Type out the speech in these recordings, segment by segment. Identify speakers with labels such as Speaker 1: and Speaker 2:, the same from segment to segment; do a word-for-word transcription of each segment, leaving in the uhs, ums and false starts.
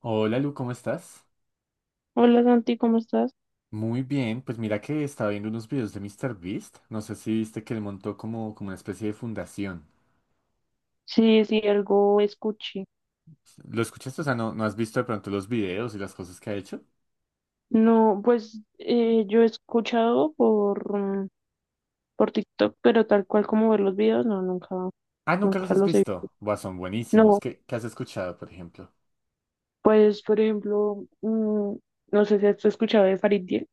Speaker 1: Hola Lu, ¿cómo estás?
Speaker 2: Hola Santi, ¿cómo estás?
Speaker 1: Muy bien, pues mira que estaba viendo unos videos de míster Beast. No sé si viste que él montó como, como una especie de fundación.
Speaker 2: Sí, sí, algo escuché.
Speaker 1: ¿Lo escuchaste? O sea, ¿no, no has visto de pronto los videos y las cosas que ha hecho?
Speaker 2: No, pues eh, yo he escuchado por, mm, por TikTok, pero tal cual como ver los videos, no, nunca,
Speaker 1: Ah, ¿nunca los
Speaker 2: nunca
Speaker 1: has
Speaker 2: los he visto.
Speaker 1: visto? Buah, son
Speaker 2: No,
Speaker 1: buenísimos. ¿Qué, qué has escuchado, por ejemplo?
Speaker 2: pues por ejemplo, mm, no sé si has escuchado de Farid Dieck.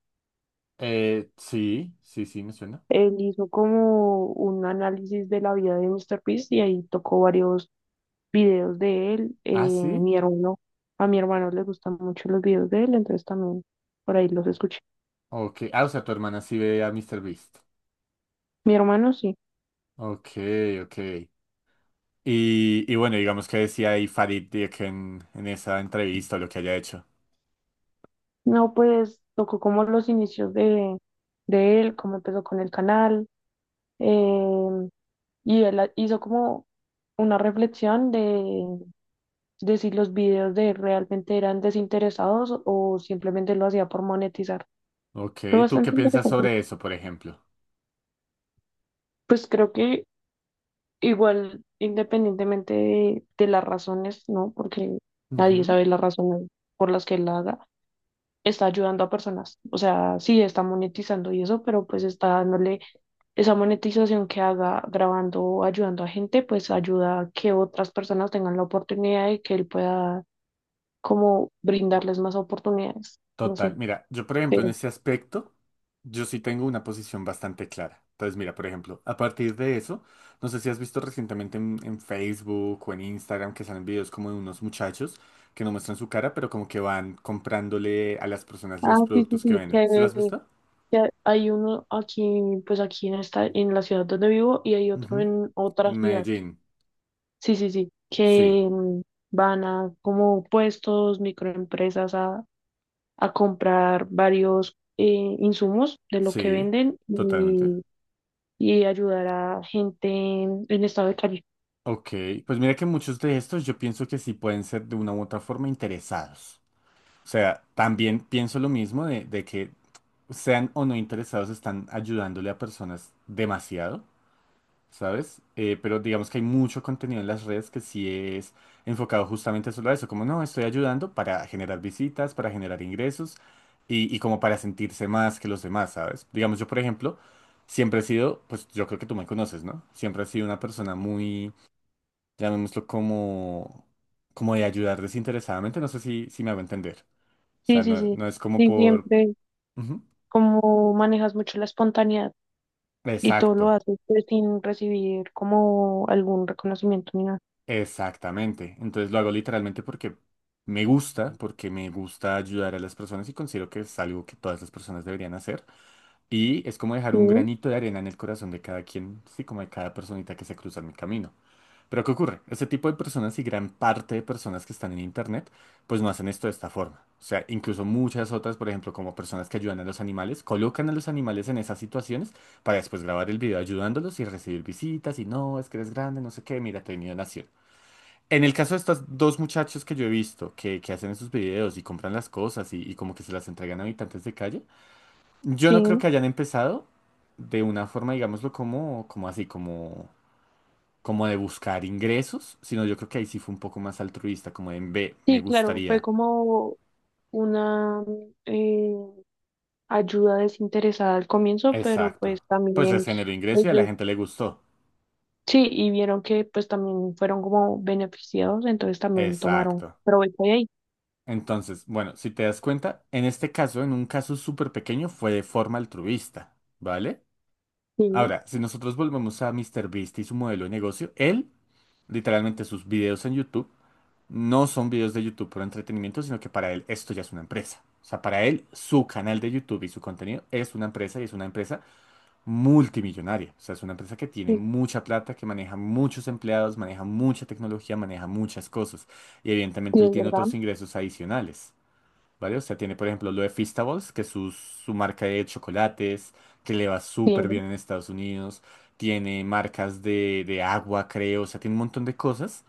Speaker 1: Eh, sí, sí, sí, me suena.
Speaker 2: Él hizo como un análisis de la vida de míster Beast y ahí tocó varios videos de él. Eh,
Speaker 1: Ah, sí.
Speaker 2: mi hermano, a mi hermano le gustan mucho los videos de él, entonces también por ahí los escuché.
Speaker 1: Ok. Ah, o sea, tu hermana sí ve a míster Beast.
Speaker 2: Mi hermano sí.
Speaker 1: Ok, ok. Y, y bueno, digamos que decía ahí Farid Dieck en, en esa entrevista o lo que haya hecho.
Speaker 2: No, pues tocó como los inicios de, de él, cómo empezó con el canal, em, y él ha- hizo como una reflexión de, de si los videos de él realmente eran desinteresados o simplemente lo hacía por monetizar.
Speaker 1: Ok,
Speaker 2: Fue
Speaker 1: ¿tú qué
Speaker 2: bastante
Speaker 1: piensas
Speaker 2: interesante.
Speaker 1: sobre eso, por ejemplo?
Speaker 2: Pues creo que igual, independientemente de, de las razones, ¿no? Porque nadie
Speaker 1: Ujú.
Speaker 2: sabe las razones por las que él la haga, está ayudando a personas. O sea, sí, está monetizando y eso, pero pues está dándole esa monetización que haga grabando o ayudando a gente, pues ayuda a que otras personas tengan la oportunidad y que él pueda como brindarles más oportunidades. No
Speaker 1: Total,
Speaker 2: sé.
Speaker 1: mira, yo por ejemplo en
Speaker 2: pero-
Speaker 1: ese aspecto, yo sí tengo una posición bastante clara. Entonces, mira, por ejemplo, a partir de eso, no sé si has visto recientemente en, en Facebook o en Instagram que salen videos como de unos muchachos que no muestran su cara, pero como que van comprándole a las personas
Speaker 2: ah,
Speaker 1: los
Speaker 2: sí, sí,
Speaker 1: productos que
Speaker 2: sí,
Speaker 1: venden. ¿Sí lo
Speaker 2: que,
Speaker 1: has visto?
Speaker 2: que hay uno aquí, pues aquí en esta, en la ciudad donde vivo y hay otro
Speaker 1: Ujú.
Speaker 2: en
Speaker 1: En
Speaker 2: otra ciudad.
Speaker 1: Medellín.
Speaker 2: Sí, sí, sí,
Speaker 1: Sí,
Speaker 2: que mm, van a como puestos, microempresas a a comprar varios eh, insumos de lo que
Speaker 1: sí,
Speaker 2: venden
Speaker 1: totalmente.
Speaker 2: y, y ayudar a gente en, en estado de calle.
Speaker 1: Ok, pues mira que muchos de estos yo pienso que sí pueden ser de una u otra forma interesados. O sea, también pienso lo mismo de, de que sean o no interesados están ayudándole a personas demasiado, ¿sabes? Eh, pero digamos que hay mucho contenido en las redes que sí es enfocado justamente solo a eso, como no, estoy ayudando para generar visitas, para generar ingresos y, y como para sentirse más que los demás, ¿sabes? Digamos yo, por ejemplo, siempre he sido, pues yo creo que tú me conoces, ¿no? Siempre he sido una persona muy, llamémoslo como, como de ayudar desinteresadamente, no sé si, si me hago entender. O
Speaker 2: Sí,
Speaker 1: sea,
Speaker 2: sí,
Speaker 1: no,
Speaker 2: sí.
Speaker 1: no es como
Speaker 2: Y
Speaker 1: por...
Speaker 2: siempre
Speaker 1: Ujú.
Speaker 2: como manejas mucho la espontaneidad y todo lo
Speaker 1: Exacto,
Speaker 2: haces pues, sin recibir como algún reconocimiento ni nada.
Speaker 1: exactamente. Entonces lo hago literalmente porque me gusta, porque me gusta ayudar a las personas y considero que es algo que todas las personas deberían hacer. Y es como dejar
Speaker 2: Sí,
Speaker 1: un granito de arena en el corazón de cada quien, sí, como de cada personita que se cruza en mi camino. Pero ¿qué ocurre? Este tipo de personas y gran parte de personas que están en Internet, pues no hacen esto de esta forma. O sea, incluso muchas otras, por ejemplo, como personas que ayudan a los animales, colocan a los animales en esas situaciones para después grabar el video ayudándolos y recibir visitas y no, es que eres grande, no sé qué, mira, te he venido a naciendo. En el caso de estos dos muchachos que yo he visto que, que hacen esos videos y compran las cosas y, y como que se las entregan a habitantes de calle, yo no creo
Speaker 2: sí,
Speaker 1: que hayan empezado de una forma, digámoslo, como, como así, como como de buscar ingresos, sino yo creo que ahí sí fue un poco más altruista, como de en ve, me
Speaker 2: sí, claro, fue
Speaker 1: gustaría.
Speaker 2: como una eh, ayuda desinteresada al comienzo, pero
Speaker 1: Exacto.
Speaker 2: pues
Speaker 1: Pues les
Speaker 2: también
Speaker 1: generó ingreso y a la
Speaker 2: ellos.
Speaker 1: gente le gustó.
Speaker 2: Sí, y vieron que pues también fueron como beneficiados, entonces también tomaron
Speaker 1: Exacto.
Speaker 2: provecho de ahí.
Speaker 1: Entonces, bueno, si te das cuenta, en este caso, en un caso súper pequeño, fue de forma altruista, ¿vale?
Speaker 2: Sí,
Speaker 1: Ahora, si nosotros volvemos a Mister Beast y su modelo de negocio, él, literalmente sus videos en YouTube, no son videos de YouTube por entretenimiento, sino que para él esto ya es una empresa. O sea, para él, su canal de YouTube y su contenido es una empresa y es una empresa multimillonaria. O sea, es una empresa que tiene
Speaker 2: sí,
Speaker 1: mucha plata, que maneja muchos empleados, maneja mucha tecnología, maneja muchas cosas. Y evidentemente
Speaker 2: sí,
Speaker 1: él
Speaker 2: es
Speaker 1: tiene
Speaker 2: verdad.
Speaker 1: otros ingresos adicionales. ¿Vale? O sea, tiene, por ejemplo, lo de Feastables, que es su, su marca de chocolates, que le va súper
Speaker 2: Bien,
Speaker 1: bien en Estados Unidos. Tiene marcas de, de agua, creo. O sea, tiene un montón de cosas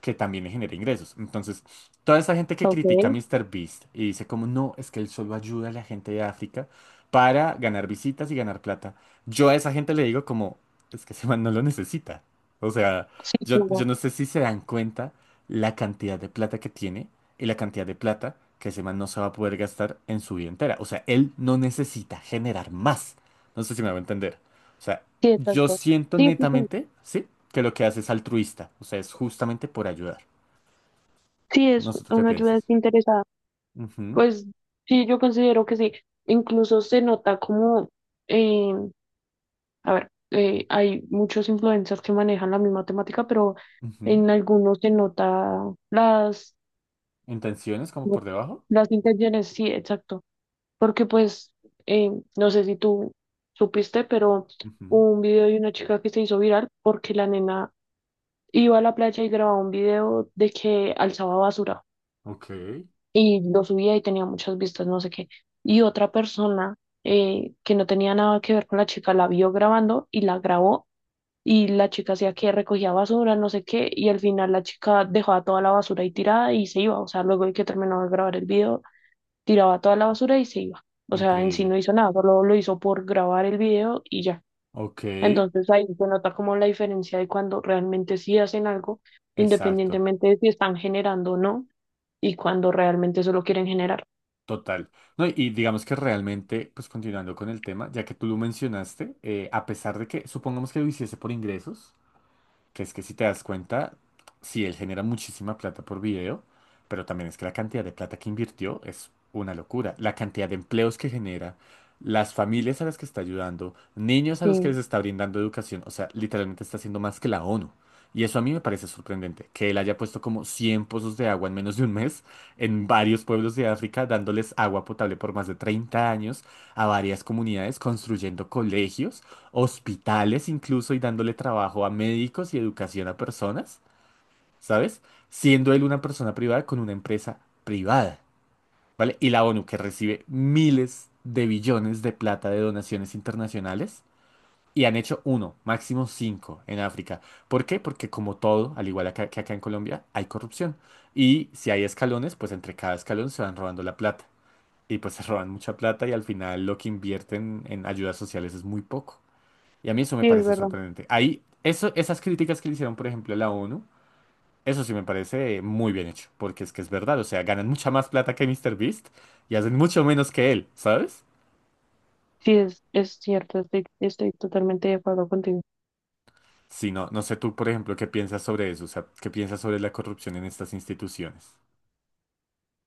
Speaker 1: que también le genera ingresos. Entonces, toda esa gente que critica a
Speaker 2: ok.
Speaker 1: míster Beast y dice como, no, es que él solo ayuda a la gente de África para ganar visitas y ganar plata. Yo a esa gente le digo como, es que ese man no lo necesita. O sea,
Speaker 2: Sí,
Speaker 1: yo,
Speaker 2: claro.
Speaker 1: yo no sé si se dan cuenta la cantidad de plata que tiene y la cantidad de plata que ese man no se va a poder gastar en su vida entera. O sea, él no necesita generar más. No sé si me va a entender. O sea,
Speaker 2: Sí,
Speaker 1: yo
Speaker 2: exacto.
Speaker 1: siento
Speaker 2: Sí, sí, sí.
Speaker 1: netamente, ¿sí? Que lo que hace es altruista. O sea, es justamente por ayudar.
Speaker 2: Sí, es
Speaker 1: No sé tú qué
Speaker 2: una ayuda
Speaker 1: piensas.
Speaker 2: desinteresada.
Speaker 1: Ujú,
Speaker 2: Pues sí, yo considero que sí. Incluso se nota como, eh, a ver, eh, hay muchos influencers que manejan la misma temática, pero
Speaker 1: ujú.
Speaker 2: en algunos se nota las,
Speaker 1: Intenciones como por debajo.
Speaker 2: las intenciones, sí, exacto. Porque pues, eh, no sé si tú supiste, pero
Speaker 1: Ujú.
Speaker 2: hubo un video de una chica que se hizo viral porque la nena iba a la playa y grababa un video de que alzaba basura
Speaker 1: Ok.
Speaker 2: y lo subía y tenía muchas vistas, no sé qué. Y otra persona eh, que no tenía nada que ver con la chica la vio grabando y la grabó y la chica hacía que recogía basura, no sé qué, y al final la chica dejaba toda la basura ahí tirada y se iba. O sea, luego de que terminó de grabar el video, tiraba toda la basura y se iba. O sea, en sí
Speaker 1: Increíble.
Speaker 2: no hizo nada, solo lo hizo por grabar el video y ya.
Speaker 1: Ok.
Speaker 2: Entonces ahí se nota como la diferencia de cuando realmente sí hacen algo,
Speaker 1: Exacto.
Speaker 2: independientemente de si están generando o no, y cuando realmente solo quieren generar.
Speaker 1: Total. No, y digamos que realmente, pues continuando con el tema, ya que tú lo mencionaste, eh, a pesar de que supongamos que lo hiciese por ingresos, que es que si te das cuenta, sí, él genera muchísima plata por video, pero también es que la cantidad de plata que invirtió es una locura. La cantidad de empleos que genera, las familias a las que está ayudando, niños a los que les
Speaker 2: Sí,
Speaker 1: está brindando educación, o sea, literalmente está haciendo más que la ONU. Y eso a mí me parece sorprendente, que él haya puesto como cien pozos de agua en menos de un mes en varios pueblos de África, dándoles agua potable por más de treinta años a varias comunidades, construyendo colegios, hospitales incluso y dándole trabajo a médicos y educación a personas, ¿sabes? Siendo él una persona privada con una empresa privada, ¿vale? Y la ONU que recibe miles de billones de plata de donaciones internacionales y han hecho uno, máximo cinco en África. ¿Por qué? Porque como todo, al igual acá- que acá en Colombia, hay corrupción. Y si hay escalones, pues entre cada escalón se van robando la plata. Y pues se roban mucha plata y al final lo que invierten en ayudas sociales es muy poco. Y a mí eso me
Speaker 2: sí, es
Speaker 1: parece
Speaker 2: verdad.
Speaker 1: sorprendente. Ahí, eso, esas críticas que le hicieron, por ejemplo, a la ONU, eso sí me parece muy bien hecho, porque es que es verdad, o sea, ganan mucha más plata que Mister Beast y hacen mucho menos que él, ¿sabes?
Speaker 2: Sí, es, es cierto, estoy, estoy totalmente de acuerdo contigo.
Speaker 1: Si no, no sé tú, por ejemplo, qué piensas sobre eso, o sea, qué piensas sobre la corrupción en estas instituciones.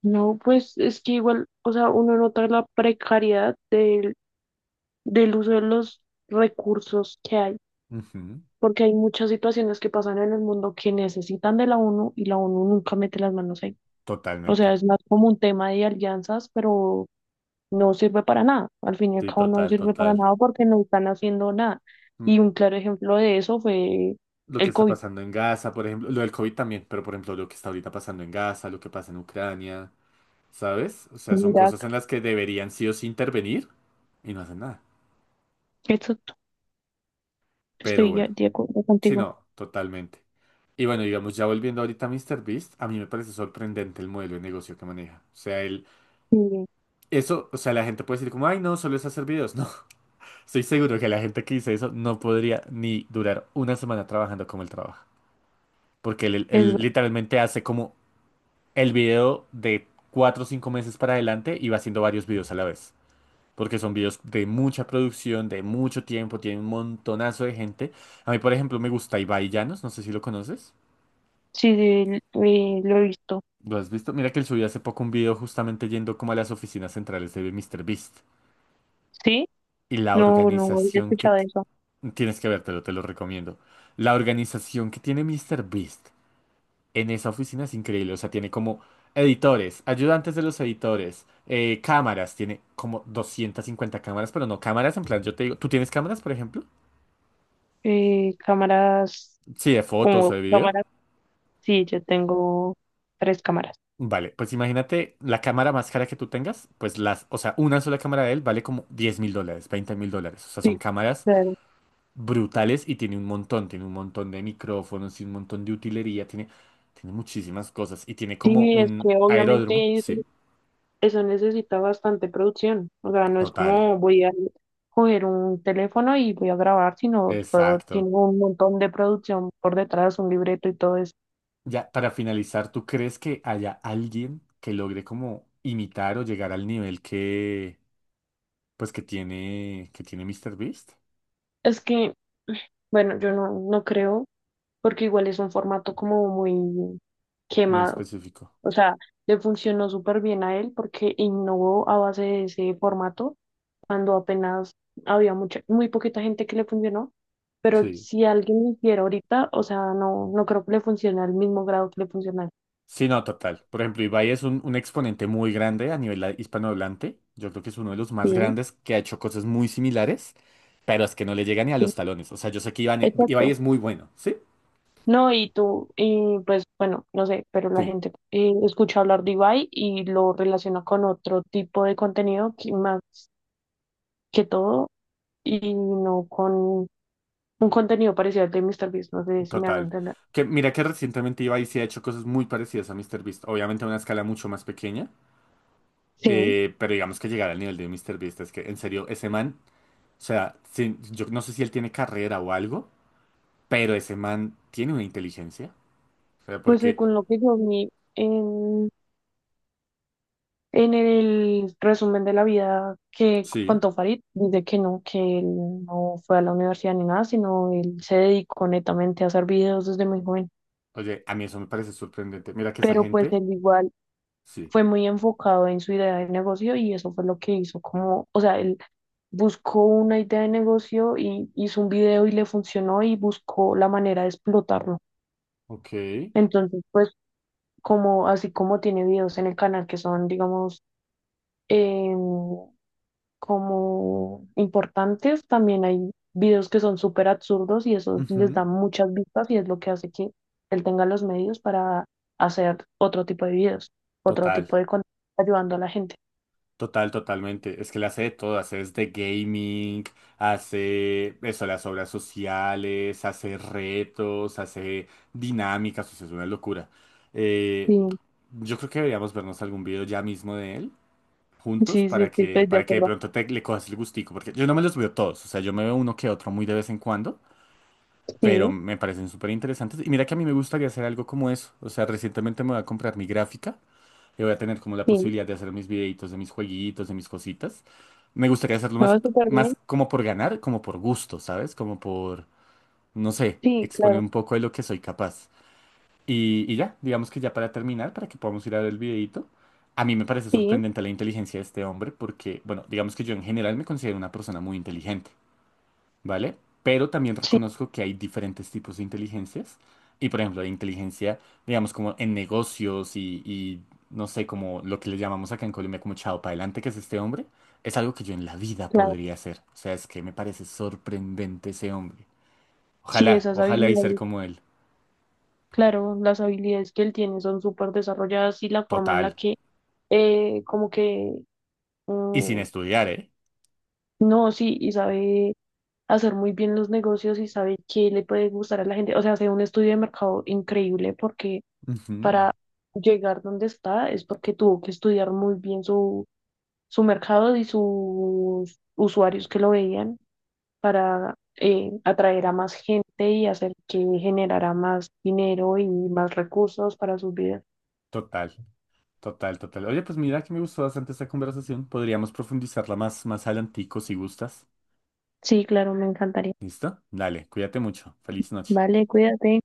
Speaker 2: No, pues es que igual, o sea, uno nota la precariedad del, del uso de los recursos que hay.
Speaker 1: Ujú.
Speaker 2: Porque hay muchas situaciones que pasan en el mundo que necesitan de la O N U y la O N U nunca mete las manos ahí. O sea,
Speaker 1: Totalmente.
Speaker 2: es más como un tema de alianzas, pero no sirve para nada. Al fin y al
Speaker 1: Sí,
Speaker 2: cabo no
Speaker 1: total,
Speaker 2: sirve para
Speaker 1: total.
Speaker 2: nada porque no están haciendo nada.
Speaker 1: Mm.
Speaker 2: Y un claro ejemplo de eso fue
Speaker 1: Lo que
Speaker 2: el
Speaker 1: está
Speaker 2: COVID
Speaker 1: pasando en Gaza, por ejemplo, lo del COVID también, pero por ejemplo, lo que está ahorita pasando en Gaza, lo que pasa en Ucrania, ¿sabes? O sea,
Speaker 2: en
Speaker 1: son cosas
Speaker 2: Irak.
Speaker 1: en las que deberían sí o sí intervenir y no hacen nada.
Speaker 2: Exacto,
Speaker 1: Pero
Speaker 2: estoy ya-
Speaker 1: bueno,
Speaker 2: de acuerdo
Speaker 1: sí,
Speaker 2: contigo.
Speaker 1: no, totalmente. Y bueno, digamos, ya volviendo ahorita a míster Beast, a mí me parece sorprendente el modelo de negocio que maneja. O sea, él,
Speaker 2: Sí,
Speaker 1: eso, o sea, la gente puede decir como, ay, no, solo es hacer videos. No, estoy seguro que la gente que dice eso no podría ni durar una semana trabajando como él trabaja. Porque él,
Speaker 2: es ver-
Speaker 1: él literalmente hace como el video de cuatro o cinco meses para adelante y va haciendo varios videos a la vez. Porque son videos de mucha producción, de mucho tiempo, tiene un montonazo de gente. A mí, por ejemplo, me gusta Ibai Llanos, no sé si lo conoces.
Speaker 2: sí, eh, lo he visto.
Speaker 1: ¿Lo has visto? Mira que él subió hace poco un video justamente yendo como a las oficinas centrales de míster Beast.
Speaker 2: ¿Sí?
Speaker 1: Y la
Speaker 2: No, no he
Speaker 1: organización que...
Speaker 2: escuchado
Speaker 1: ti-,
Speaker 2: eso.
Speaker 1: tienes que vértelo, te lo recomiendo. La organización que tiene míster Beast en esa oficina es increíble. O sea, tiene como editores, ayudantes de los editores, eh, cámaras. Tiene como doscientas cincuenta cámaras, pero no cámaras en plan, yo te digo, ¿tú tienes cámaras, por ejemplo?
Speaker 2: Eh, cámaras,
Speaker 1: Sí, de fotos
Speaker 2: como
Speaker 1: o de video.
Speaker 2: cámaras, sí, yo tengo tres cámaras.
Speaker 1: Vale, pues imagínate la cámara más cara que tú tengas, pues las, o sea, una sola cámara de él vale como diez mil dólares, veinte mil dólares. O sea, son
Speaker 2: Sí,
Speaker 1: cámaras
Speaker 2: claro.
Speaker 1: brutales y tiene un montón, tiene un montón de micrófonos, tiene un montón de utilería, tiene, tiene muchísimas cosas y tiene como
Speaker 2: Sí, es
Speaker 1: un
Speaker 2: que
Speaker 1: aeródromo,
Speaker 2: obviamente eso,
Speaker 1: sí,
Speaker 2: eso necesita bastante producción. O sea, no es
Speaker 1: total,
Speaker 2: como voy a coger un teléfono y voy a grabar, sino todo tiene
Speaker 1: exacto.
Speaker 2: un montón de producción por detrás, un libreto y todo eso.
Speaker 1: Ya, para finalizar, ¿tú crees que haya alguien que logre como imitar o llegar al nivel que, pues que tiene, que tiene míster Beast?
Speaker 2: Es que, bueno, yo no, no creo, porque igual es un formato como muy
Speaker 1: Muy
Speaker 2: quemado.
Speaker 1: específico.
Speaker 2: O sea, le funcionó súper bien a él porque innovó a base de ese formato cuando apenas había mucha, muy poquita gente que le funcionó, pero
Speaker 1: Sí.
Speaker 2: si alguien lo hiciera ahorita, o sea, no, no creo que le funcione al mismo grado que le funciona.
Speaker 1: Sí, no, total. Por ejemplo, Ibai es un, un exponente muy grande a nivel, ah, hispanohablante. Yo creo que es uno de los más
Speaker 2: Bien,
Speaker 1: grandes que ha hecho cosas muy similares, pero es que no le llega ni a
Speaker 2: sí,
Speaker 1: los talones. O sea, yo sé que Iván- Ibai
Speaker 2: exacto.
Speaker 1: es muy bueno, ¿sí?
Speaker 2: No, y tú, y pues bueno, no sé, pero la
Speaker 1: Sí,
Speaker 2: gente eh, escucha hablar de Ibai y lo relaciona con otro tipo de contenido que más que todo y no con un contenido parecido al de MrBeast, no sé si me hago
Speaker 1: total.
Speaker 2: entender.
Speaker 1: Que, mira que recientemente Ibai sí ha hecho cosas muy parecidas a MrBeast, obviamente a una escala mucho más pequeña,
Speaker 2: Sí,
Speaker 1: eh, pero digamos que llegar al nivel de MrBeast es que, en serio, ese man, o sea, sí, yo no sé si él tiene carrera o algo, pero ese man tiene una inteligencia. O sea,
Speaker 2: pues
Speaker 1: porque
Speaker 2: según lo que yo vi en En el resumen de la vida que
Speaker 1: sí.
Speaker 2: contó Farid, dice que no, que él no fue a la universidad ni nada, sino él se dedicó netamente a hacer videos desde muy joven.
Speaker 1: Oye, a mí eso me parece sorprendente. Mira que esa
Speaker 2: Pero pues
Speaker 1: gente,
Speaker 2: él igual
Speaker 1: sí.
Speaker 2: fue muy enfocado en su idea de negocio y eso fue lo que hizo como, o sea, él buscó una idea de negocio y hizo un video y le funcionó y buscó la manera de explotarlo.
Speaker 1: Ok.
Speaker 2: Entonces, pues como así como tiene videos en el canal que son, digamos, em, como importantes. También hay videos que son súper absurdos y eso les
Speaker 1: Ujú.
Speaker 2: da muchas vistas y es lo que hace que él tenga los medios para hacer otro tipo de videos, otro
Speaker 1: Total,
Speaker 2: tipo de contenido ayudando a la gente.
Speaker 1: total, totalmente. Es que le hace de todo, hace desde gaming, hace eso, las obras sociales, hace retos, hace dinámicas, o sea, es una locura. Eh,
Speaker 2: Sí,
Speaker 1: yo creo que deberíamos vernos algún video ya mismo de él, juntos,
Speaker 2: sí, sí,
Speaker 1: para
Speaker 2: sí, estoy
Speaker 1: que,
Speaker 2: de
Speaker 1: para que de
Speaker 2: acuerdo.
Speaker 1: pronto te, le cojas el gustico, porque yo no me los veo todos, o sea, yo me veo uno que otro muy de vez en cuando. Pero
Speaker 2: Sí,
Speaker 1: me parecen súper interesantes. Y mira que a mí me gustaría hacer algo como eso. O sea, recientemente me voy a comprar mi gráfica y voy a tener como la
Speaker 2: sí,
Speaker 1: posibilidad de hacer mis videitos de mis jueguitos, de mis cositas. Me gustaría hacerlo
Speaker 2: me
Speaker 1: más,
Speaker 2: va súper bien.
Speaker 1: más como por ganar, como por gusto, ¿sabes? Como por, no sé,
Speaker 2: Sí, claro,
Speaker 1: exponer un poco de lo que soy capaz. Y, y ya, digamos que ya para terminar, para que podamos ir a ver el videito. A mí me parece
Speaker 2: sí,
Speaker 1: sorprendente la inteligencia de este hombre porque, bueno, digamos que yo en general me considero una persona muy inteligente. ¿Vale? Pero también
Speaker 2: sí,
Speaker 1: reconozco que hay diferentes tipos de inteligencias. Y por ejemplo, la inteligencia, digamos, como en negocios y, y, no sé, como lo que le llamamos acá en Colombia como chao para adelante, que es este hombre, es algo que yo en la vida
Speaker 2: claro.
Speaker 1: podría hacer. O sea, es que me parece sorprendente ese hombre.
Speaker 2: Sí,
Speaker 1: Ojalá,
Speaker 2: esas
Speaker 1: ojalá y ser
Speaker 2: habilidades,
Speaker 1: como él.
Speaker 2: claro, las habilidades que él tiene son súper desarrolladas y la forma en la
Speaker 1: Total.
Speaker 2: que, eh, como que,
Speaker 1: Y sin
Speaker 2: mm,
Speaker 1: estudiar, ¿eh?
Speaker 2: no, sí, y sabe hacer muy bien los negocios y sabe qué le puede gustar a la gente. O sea, hace un estudio de mercado increíble porque
Speaker 1: Ujú.
Speaker 2: para llegar donde está es porque tuvo que estudiar muy bien su, su mercado y sus usuarios que lo veían para eh, atraer a más gente y hacer que generara más dinero y más recursos para sus vidas.
Speaker 1: Total, total, total. Oye, pues mira que me gustó bastante esta conversación. Podríamos profundizarla más, más adelantico si gustas.
Speaker 2: Sí, claro, me encantaría.
Speaker 1: ¿Listo? Dale, cuídate mucho. Feliz noche.
Speaker 2: Vale, cuídate.